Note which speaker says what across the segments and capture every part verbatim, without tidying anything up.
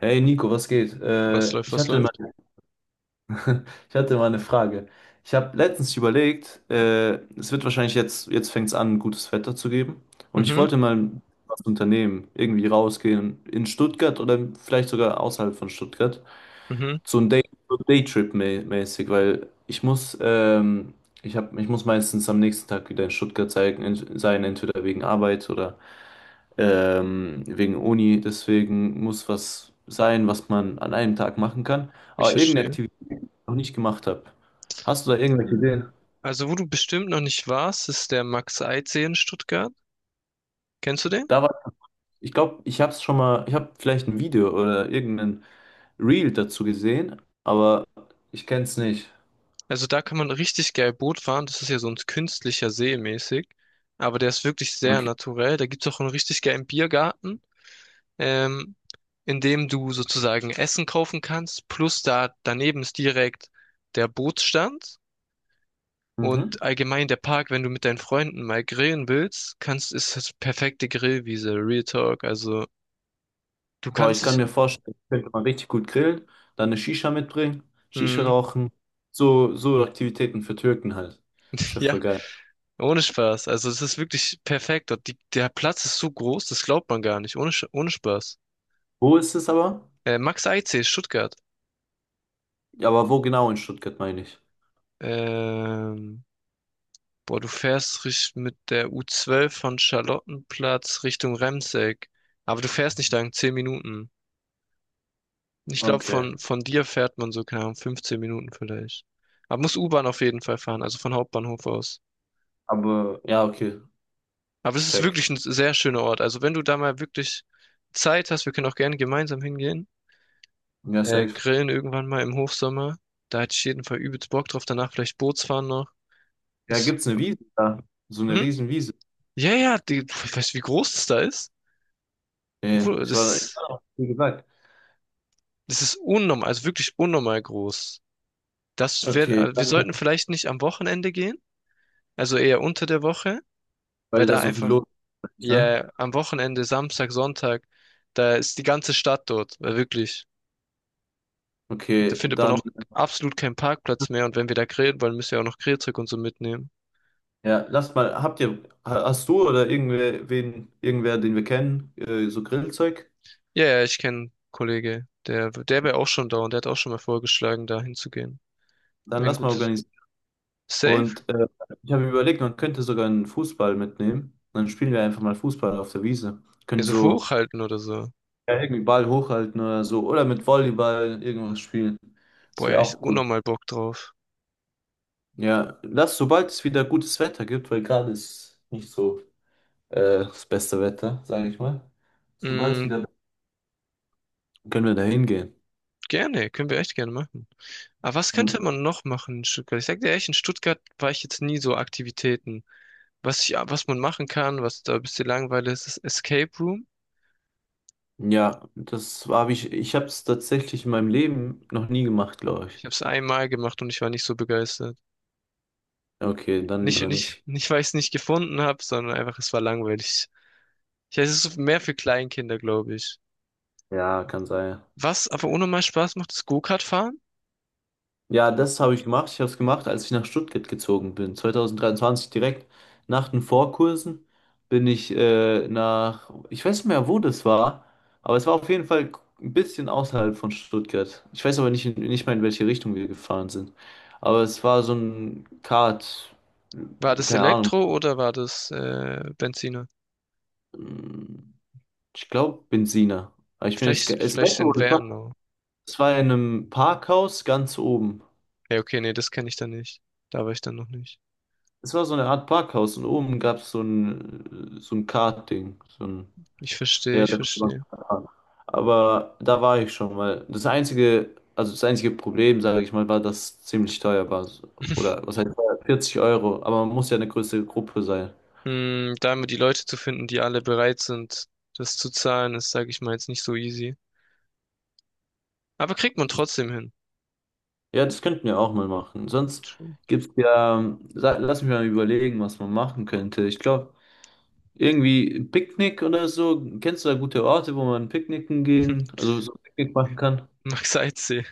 Speaker 1: Hey Nico, was geht?
Speaker 2: Was
Speaker 1: Äh,
Speaker 2: läuft,
Speaker 1: ich
Speaker 2: was
Speaker 1: hatte mal,
Speaker 2: läuft?
Speaker 1: ich hatte mal eine Frage. Ich habe letztens überlegt, äh, es wird wahrscheinlich jetzt, jetzt fängt es an, gutes Wetter zu geben. Und ich
Speaker 2: Mhm,
Speaker 1: wollte mal was unternehmen, irgendwie rausgehen in Stuttgart oder vielleicht sogar außerhalb von Stuttgart.
Speaker 2: mhm.
Speaker 1: So ein Day, so Daytrip-mäßig, weil ich muss, ähm, ich hab, ich muss meistens am nächsten Tag wieder in Stuttgart sein, sein entweder wegen Arbeit oder ähm, wegen Uni. Deswegen muss was sein, was man an einem Tag machen kann.
Speaker 2: Ich
Speaker 1: Aber irgendeine
Speaker 2: verstehe.
Speaker 1: Aktivität, die ich noch nicht gemacht habe. Hast du da
Speaker 2: Äh,
Speaker 1: irgendwelche Ideen?
Speaker 2: Also, wo du bestimmt noch nicht warst, ist der Max-Eyck-See in Stuttgart. Kennst du den?
Speaker 1: Da war, ich glaube, ich habe es schon mal, ich habe vielleicht ein Video oder irgendein Reel dazu gesehen, aber ich kenne es nicht.
Speaker 2: Also, da kann man richtig geil Boot fahren. Das ist ja so ein künstlicher See mäßig. Aber der ist wirklich sehr
Speaker 1: Okay.
Speaker 2: naturell. Da gibt's auch einen richtig geilen Biergarten, ähm, in dem du sozusagen Essen kaufen kannst. Plus da daneben ist direkt der Bootsstand.
Speaker 1: Mhm.
Speaker 2: Und allgemein der Park, wenn du mit deinen Freunden mal grillen willst, kannst, ist das perfekte Grillwiese, Real Talk. Also du
Speaker 1: Aber ich
Speaker 2: kannst
Speaker 1: kann
Speaker 2: dich.
Speaker 1: mir vorstellen, ich könnte mal richtig gut grillen, dann eine Shisha mitbringen, Shisha
Speaker 2: Mhm.
Speaker 1: rauchen, so, so Aktivitäten für Türken halt. Ist ja
Speaker 2: Ja,
Speaker 1: voll geil.
Speaker 2: ohne Spaß. Also es ist wirklich perfekt dort. Die, der Platz ist so groß, das glaubt man gar nicht. Ohne, Sch- ohne Spaß.
Speaker 1: Wo ist es aber?
Speaker 2: Äh, Max Eitzee, Stuttgart.
Speaker 1: Ja, aber wo genau in Stuttgart meine ich?
Speaker 2: Ähm, Boah, du fährst richt- mit der U zwölf von Charlottenplatz Richtung Remseck. Aber du fährst nicht lang, zehn Minuten. Ich glaube,
Speaker 1: Okay.
Speaker 2: von, von dir fährt man so, keine Ahnung, fünfzehn Minuten vielleicht. Aber muss U-Bahn auf jeden Fall fahren, also von Hauptbahnhof aus.
Speaker 1: Aber ja, okay.
Speaker 2: Aber es
Speaker 1: Ich
Speaker 2: ist
Speaker 1: check.
Speaker 2: wirklich ein sehr schöner Ort. Also wenn du da mal wirklich Zeit hast, wir können auch gerne gemeinsam hingehen.
Speaker 1: Ja,
Speaker 2: Äh,
Speaker 1: safe.
Speaker 2: grillen irgendwann mal im Hofsommer, da hätte ich jeden Fall übelst Bock drauf. Danach vielleicht Bootsfahren noch.
Speaker 1: Ja,
Speaker 2: Ist,
Speaker 1: gibt's eine Wiese da? So eine
Speaker 2: hm?
Speaker 1: riesen Wiese.
Speaker 2: Ja, ja, die, ich weiß, wie groß das da ist.
Speaker 1: Nee,
Speaker 2: Obwohl, Das
Speaker 1: ich war da,
Speaker 2: ist,
Speaker 1: ja, wie gesagt.
Speaker 2: das ist unnormal, also wirklich unnormal groß. Das wär,
Speaker 1: Okay,
Speaker 2: also wir
Speaker 1: dann,
Speaker 2: sollten vielleicht nicht am Wochenende gehen, also eher unter der Woche, weil
Speaker 1: weil da
Speaker 2: da
Speaker 1: so viel
Speaker 2: einfach,
Speaker 1: los ist, ne?
Speaker 2: ja, am Wochenende, Samstag, Sonntag, da ist die ganze Stadt dort, weil wirklich. Da
Speaker 1: Okay,
Speaker 2: findet man
Speaker 1: dann,
Speaker 2: auch absolut keinen Parkplatz mehr, und wenn wir da grillen wollen, müssen wir auch noch Grillzeug und so mitnehmen.
Speaker 1: ja, lass mal, habt ihr, ha- hast du oder irgendwer, wen, irgendwer, den wir kennen, äh, so Grillzeug?
Speaker 2: Ja, ja, ich kenne einen Kollege, der, der wäre auch schon da, und der hat auch schon mal vorgeschlagen, da hinzugehen.
Speaker 1: Dann
Speaker 2: Wäre ein
Speaker 1: lass mal
Speaker 2: gutes
Speaker 1: organisieren.
Speaker 2: Safe?
Speaker 1: Und äh, ich habe mir überlegt, man könnte sogar einen Fußball mitnehmen. Dann spielen wir einfach mal Fußball auf der Wiese.
Speaker 2: Ja,
Speaker 1: Können
Speaker 2: so
Speaker 1: so.
Speaker 2: hochhalten oder so.
Speaker 1: Ja, irgendwie Ball hochhalten oder so. Oder mit Volleyball irgendwas spielen. Das
Speaker 2: Boah, ja,
Speaker 1: wäre
Speaker 2: ich hab
Speaker 1: auch cool.
Speaker 2: unnormal Bock drauf.
Speaker 1: Ja, lass, sobald es wieder gutes Wetter gibt, weil gerade ist nicht so äh, das beste Wetter, sage ich mal. Sobald es
Speaker 2: Mm,
Speaker 1: wieder, können wir da hingehen.
Speaker 2: Gerne, können wir echt gerne machen. Aber was
Speaker 1: Hm.
Speaker 2: könnte man noch machen in Stuttgart? Ich sag dir ehrlich, in Stuttgart war ich jetzt nie so Aktivitäten. Was ich, was man machen kann, was da ein bisschen langweilig ist, ist Escape Room.
Speaker 1: Ja, das habe ich, ich habe es tatsächlich in meinem Leben noch nie gemacht, glaube ich.
Speaker 2: Ich habe es einmal gemacht und ich war nicht so begeistert.
Speaker 1: Okay, dann
Speaker 2: Nicht,
Speaker 1: lieber
Speaker 2: nicht,
Speaker 1: nicht.
Speaker 2: nicht, weil ich es nicht gefunden habe, sondern einfach, es war langweilig. Ich weiß, es ist mehr für Kleinkinder, glaube ich.
Speaker 1: Ja, kann sein.
Speaker 2: Was aber ohne mal Spaß macht, ist Go-Kart fahren.
Speaker 1: Ja, das habe ich gemacht. Ich habe es gemacht, als ich nach Stuttgart gezogen bin. zweitausenddreiundzwanzig direkt nach den Vorkursen bin ich äh, nach, ich weiß nicht mehr, wo das war, aber es war auf jeden Fall ein bisschen außerhalb von Stuttgart. Ich weiß aber nicht, in- nicht mal, in welche Richtung wir gefahren sind. Aber es war so ein Kart,
Speaker 2: War das
Speaker 1: keine Ahnung,
Speaker 2: Elektro oder war das äh, Benziner?
Speaker 1: ich glaube Benziner. Aber ich bin nicht,
Speaker 2: Vielleicht,
Speaker 1: es,
Speaker 2: vielleicht
Speaker 1: weißt du, wo
Speaker 2: in
Speaker 1: das war?
Speaker 2: Werner.
Speaker 1: Es war in einem Parkhaus ganz oben.
Speaker 2: Ja, okay, nee, das kenne ich dann nicht. Da war ich dann noch nicht.
Speaker 1: Es war so eine Art Parkhaus und oben gab es so ein, so ein Kartding. So ein,
Speaker 2: Ich verstehe,
Speaker 1: ja,
Speaker 2: ich
Speaker 1: da konnte man
Speaker 2: verstehe.
Speaker 1: fahren. Aber da war ich schon, weil das einzige, also das einzige Problem, sage ich mal, war, dass es ziemlich teuer war. So- Oder was heißt teuer? vierzig Euro, aber man muss ja eine größere Gruppe sein.
Speaker 2: Hm, da immer die Leute zu finden, die alle bereit sind, das zu zahlen, ist, sage ich mal, jetzt nicht so easy. Aber kriegt man trotzdem hin.
Speaker 1: Ja, das könnten wir auch mal machen. Sonst gibt's ja, ähm, sa- lass mich mal überlegen, was man machen könnte. Ich glaube, irgendwie ein Picknick oder so. Kennst du da gute Orte, wo man picknicken gehen, also so ein Picknick machen kann?
Speaker 2: Max Eitzee.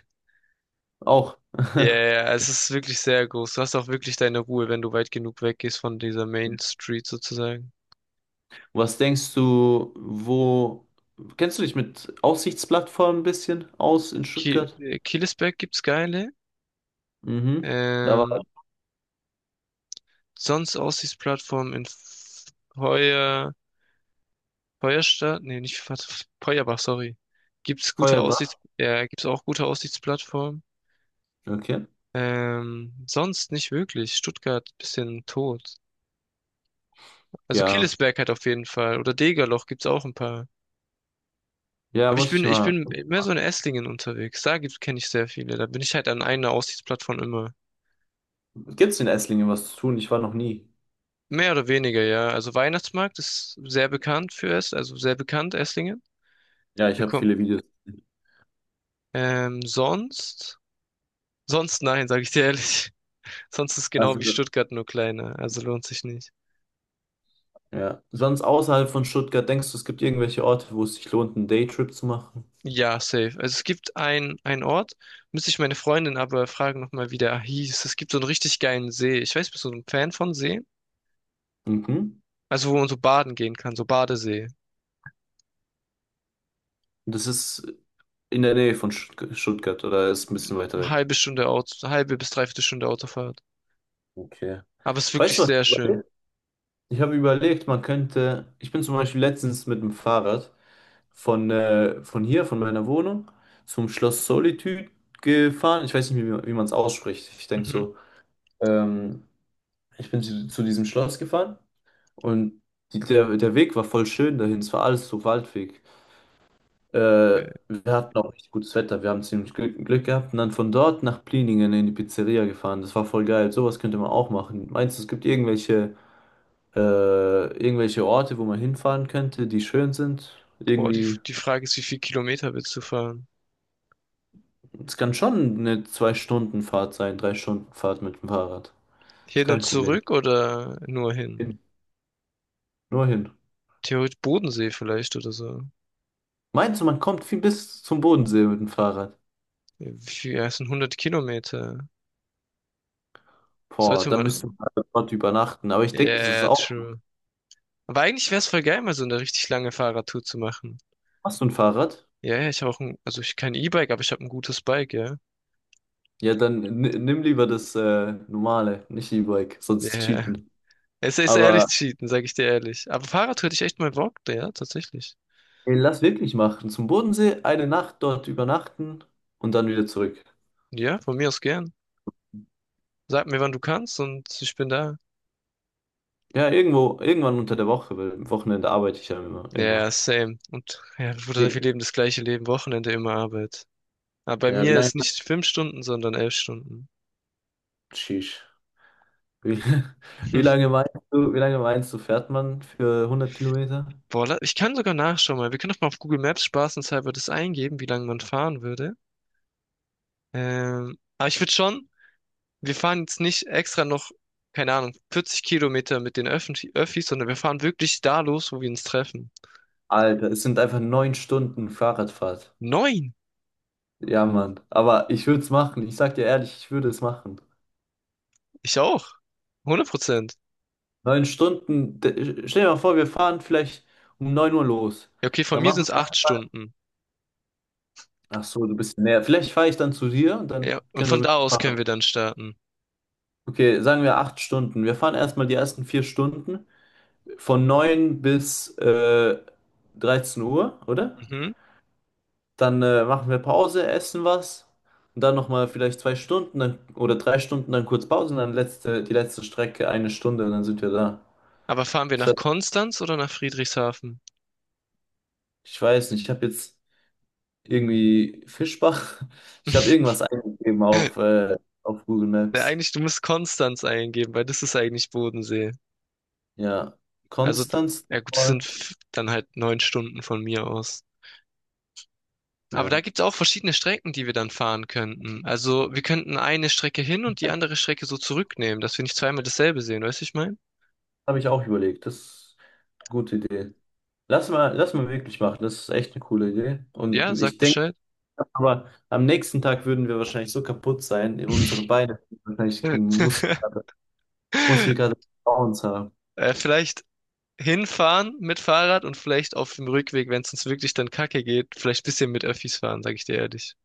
Speaker 1: Auch.
Speaker 2: Ja, yeah, es ist wirklich sehr groß. Du hast auch wirklich deine Ruhe, wenn du weit genug weggehst von dieser Main Street sozusagen.
Speaker 1: Was denkst du, wo kennst du dich mit Aussichtsplattformen ein bisschen aus in
Speaker 2: Kiel,
Speaker 1: Stuttgart?
Speaker 2: äh, Killesberg gibt's geile.
Speaker 1: Mhm. Da war
Speaker 2: Ähm, Sonst Aussichtsplattform in F- Feuer, Feuerstadt, nee, nicht Fe- Feuerbach, sorry. Gibt's gute Aussichts,
Speaker 1: Feuerbach.
Speaker 2: ja, gibt's auch gute Aussichtsplattformen.
Speaker 1: Okay.
Speaker 2: Ähm, sonst nicht wirklich. Stuttgart bisschen tot. Also
Speaker 1: Ja.
Speaker 2: Killesberg hat auf jeden Fall. Oder Degerloch gibt's auch ein paar.
Speaker 1: Ja,
Speaker 2: Aber ich
Speaker 1: muss
Speaker 2: bin,
Speaker 1: ich
Speaker 2: ich
Speaker 1: mal.
Speaker 2: bin mehr so in Esslingen unterwegs. Da kenne ich sehr viele. Da bin ich halt an einer Aussichtsplattform immer.
Speaker 1: Gibt's in Esslingen was zu tun? Ich war noch nie.
Speaker 2: Mehr oder weniger, ja. Also Weihnachtsmarkt ist sehr bekannt für es, also sehr bekannt, Esslingen.
Speaker 1: Ja, ich
Speaker 2: Wir
Speaker 1: habe
Speaker 2: kommen.
Speaker 1: viele Videos gesehen.
Speaker 2: Ähm, sonst? Sonst nein, sage ich dir ehrlich. Sonst ist genau wie
Speaker 1: Also,
Speaker 2: Stuttgart nur kleiner. Also lohnt sich nicht.
Speaker 1: ja. Sonst außerhalb von Stuttgart, denkst du, es gibt irgendwelche Orte, wo es sich lohnt, einen Daytrip zu machen?
Speaker 2: Ja, safe. Also es gibt ein, einen Ort, müsste ich meine Freundin aber fragen nochmal, wie der hieß. Es gibt so einen richtig geilen See. Ich weiß, bist du so ein Fan von Seen?
Speaker 1: Mhm.
Speaker 2: Also wo man so baden gehen kann, so Badesee.
Speaker 1: Das ist in der Nähe von Stuttg- Stuttgart oder ist ein bisschen weiter
Speaker 2: Eine
Speaker 1: weg?
Speaker 2: halbe Stunde Auto, halbe bis dreiviertel Stunde Autofahrt.
Speaker 1: Okay.
Speaker 2: Aber es ist
Speaker 1: Weißt
Speaker 2: wirklich
Speaker 1: du was?
Speaker 2: sehr schön.
Speaker 1: Ich habe überlegt, man könnte, ich bin zum Beispiel letztens mit dem Fahrrad von, äh, von hier, von meiner Wohnung, zum Schloss Solitude gefahren. Ich weiß nicht, wie, wie man es ausspricht. Ich denke
Speaker 2: Mhm.
Speaker 1: so, ähm, ich bin zu, zu diesem Schloss gefahren und die, der, der Weg war voll schön dahin. Es war alles so Waldweg. Äh,
Speaker 2: Geil.
Speaker 1: wir hatten auch richtig gutes Wetter. Wir haben ziemlich Glück, Glück gehabt und dann von dort nach Pliningen in die Pizzeria gefahren. Das war voll geil. Sowas könnte man auch machen. Meinst du, es gibt irgendwelche äh, irgendwelche Orte, wo man hinfahren könnte, die schön sind.
Speaker 2: Boah, die,
Speaker 1: Irgendwie,
Speaker 2: die Frage ist, wie viel Kilometer willst du fahren?
Speaker 1: es kann schon eine Zwei-Stunden-Fahrt sein, Drei-Stunden-Fahrt mit dem Fahrrad. Ist
Speaker 2: Hin
Speaker 1: kein
Speaker 2: und
Speaker 1: Problem.
Speaker 2: zurück oder nur hin?
Speaker 1: Hin. Nur hin.
Speaker 2: Theoretisch Bodensee vielleicht oder so.
Speaker 1: Meinst du, man kommt viel bis zum Bodensee mit dem Fahrrad?
Speaker 2: Ja, Wie viel, ja, es sind hundert Kilometer.
Speaker 1: Boah,
Speaker 2: Sollte
Speaker 1: dann müsste
Speaker 2: man.
Speaker 1: man dort übernachten. Aber ich denke, das ist
Speaker 2: Yeah,
Speaker 1: auch.
Speaker 2: true. Aber eigentlich wäre es voll geil, mal so eine richtig lange Fahrradtour zu machen.
Speaker 1: Hast du ein Fahrrad?
Speaker 2: Ja, yeah, ich habe auch ein, also ich kein E-Bike, aber ich habe ein gutes Bike, ja.
Speaker 1: Ja, dann ni- nimm lieber das äh, normale, nicht E-Bike, sonst ist
Speaker 2: Yeah.
Speaker 1: Cheaten.
Speaker 2: Es ist ehrlich
Speaker 1: Aber
Speaker 2: cheaten, sag ich dir ehrlich. Aber Fahrrad hätte ich echt mal Bock, ja, tatsächlich.
Speaker 1: ey, lass wirklich machen. Zum Bodensee, eine Nacht dort übernachten und dann wieder zurück.
Speaker 2: Ja, von mir aus gern. Sag mir, wann du kannst, und ich bin da.
Speaker 1: Ja, irgendwo, irgendwann unter der Woche, weil am Wochenende arbeite ich ja immer,
Speaker 2: Ja, ja,
Speaker 1: immer.
Speaker 2: same. Und ja, Bruder, wir leben das gleiche Leben, Wochenende immer Arbeit. Aber bei
Speaker 1: Ja, wie
Speaker 2: mir
Speaker 1: lange,
Speaker 2: ist nicht fünf Stunden, sondern elf Stunden.
Speaker 1: sheesh. Wie, wie lange meinst du, wie lange meinst du, fährt man für hundert Kilometer?
Speaker 2: Boah, la- ich kann sogar nachschauen mal. Wir können doch mal auf Google Maps spaßenshalber das eingeben, wie lange man fahren würde. Ähm, aber ich würde schon, wir fahren jetzt nicht extra noch, keine Ahnung, vierzig Kilometer mit den Öffentlich Öffis, sondern wir fahren wirklich da los, wo wir uns treffen.
Speaker 1: Alter, es sind einfach neun Stunden Fahrradfahrt.
Speaker 2: Neun!
Speaker 1: Ja, Mann. Aber ich würde es machen. Ich sag dir ehrlich, ich würde es machen.
Speaker 2: Ich auch. hundert Prozent.
Speaker 1: Neun Stunden. d- Stell dir mal vor, wir fahren vielleicht um neun Uhr los.
Speaker 2: Ja, okay, von
Speaker 1: Dann
Speaker 2: mir sind
Speaker 1: machen
Speaker 2: es
Speaker 1: wir.
Speaker 2: acht Stunden.
Speaker 1: Ach so, du bist näher. Vielleicht fahre ich dann zu dir und
Speaker 2: Ja,
Speaker 1: dann
Speaker 2: und
Speaker 1: können wir
Speaker 2: von da aus
Speaker 1: mitmachen.
Speaker 2: können wir dann starten.
Speaker 1: Okay, sagen wir acht Stunden. Wir fahren erstmal die ersten vier Stunden. Von neun bis äh, dreizehn Uhr, oder?
Speaker 2: Mhm.
Speaker 1: Dann äh, machen wir Pause, essen was und dann nochmal vielleicht zwei Stunden dann, oder drei Stunden, dann kurz Pause und dann letzte, die letzte Strecke eine Stunde und dann sind wir da.
Speaker 2: Aber fahren wir
Speaker 1: Das
Speaker 2: nach
Speaker 1: hat,
Speaker 2: Konstanz oder nach Friedrichshafen?
Speaker 1: ich weiß nicht, ich habe jetzt irgendwie Fischbach, ich habe irgendwas eingegeben auf, äh, auf Google
Speaker 2: Ja,
Speaker 1: Maps.
Speaker 2: eigentlich, du musst Konstanz eingeben, weil das ist eigentlich Bodensee.
Speaker 1: Ja,
Speaker 2: Also, d-
Speaker 1: Konstanz,
Speaker 2: ja gut, das sind
Speaker 1: Ort,
Speaker 2: f- dann halt neun Stunden von mir aus. Aber da
Speaker 1: ja,
Speaker 2: gibt's auch verschiedene Strecken, die wir dann fahren könnten. Also, wir könnten eine Strecke hin und die andere Strecke so zurücknehmen, dass wir nicht zweimal dasselbe sehen, weißt du, ich mein?
Speaker 1: habe ich auch überlegt, das ist eine gute Idee. Lass mal, lass mal wirklich machen, das ist echt eine coole Idee
Speaker 2: Ja,
Speaker 1: und
Speaker 2: sag
Speaker 1: ich denke,
Speaker 2: Bescheid.
Speaker 1: aber am nächsten Tag würden wir wahrscheinlich so kaputt sein, in unsere Beine wahrscheinlich Muskelkater, Muskelkater bei uns haben.
Speaker 2: Äh, vielleicht hinfahren mit Fahrrad und vielleicht auf dem Rückweg, wenn es uns wirklich dann kacke geht, vielleicht ein bisschen mit Öffis fahren, sag ich dir ehrlich.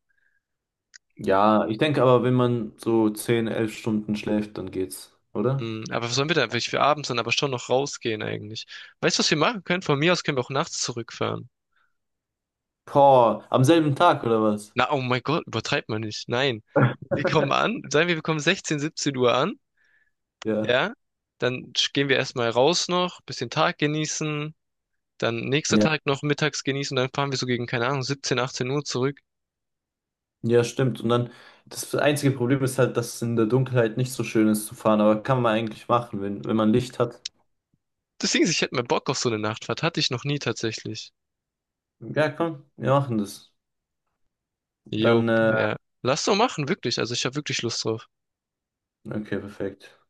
Speaker 1: Ja, ich denke aber, wenn man so zehn, elf Stunden schläft, dann geht's, oder?
Speaker 2: Hm, aber was sollen wir da eigentlich für abends dann aber schon noch rausgehen eigentlich? Weißt du, was wir machen können? Von mir aus können wir auch nachts zurückfahren.
Speaker 1: Boah, am selben Tag oder was?
Speaker 2: Na, oh mein Gott, übertreibt man nicht. Nein. Wir kommen an, sagen wir, wir kommen sechzehn, siebzehn Uhr an,
Speaker 1: Ja,
Speaker 2: ja? Dann sch- gehen wir erstmal raus noch, bisschen Tag genießen, dann nächster
Speaker 1: ja,
Speaker 2: Tag noch mittags genießen, dann fahren wir so gegen, keine Ahnung, siebzehn, achtzehn Uhr zurück.
Speaker 1: ja, stimmt. Und dann, das einzige Problem ist halt, dass es in der Dunkelheit nicht so schön ist zu fahren, aber kann man eigentlich machen, wenn, wenn man Licht hat.
Speaker 2: Deswegen, ich hätte mal Bock auf so eine Nachtfahrt, hatte ich noch nie tatsächlich.
Speaker 1: Ja, komm, wir machen das.
Speaker 2: Jo,
Speaker 1: Dann, äh,
Speaker 2: ja. Lass doch machen, wirklich. Also ich habe wirklich Lust drauf.
Speaker 1: okay, perfekt.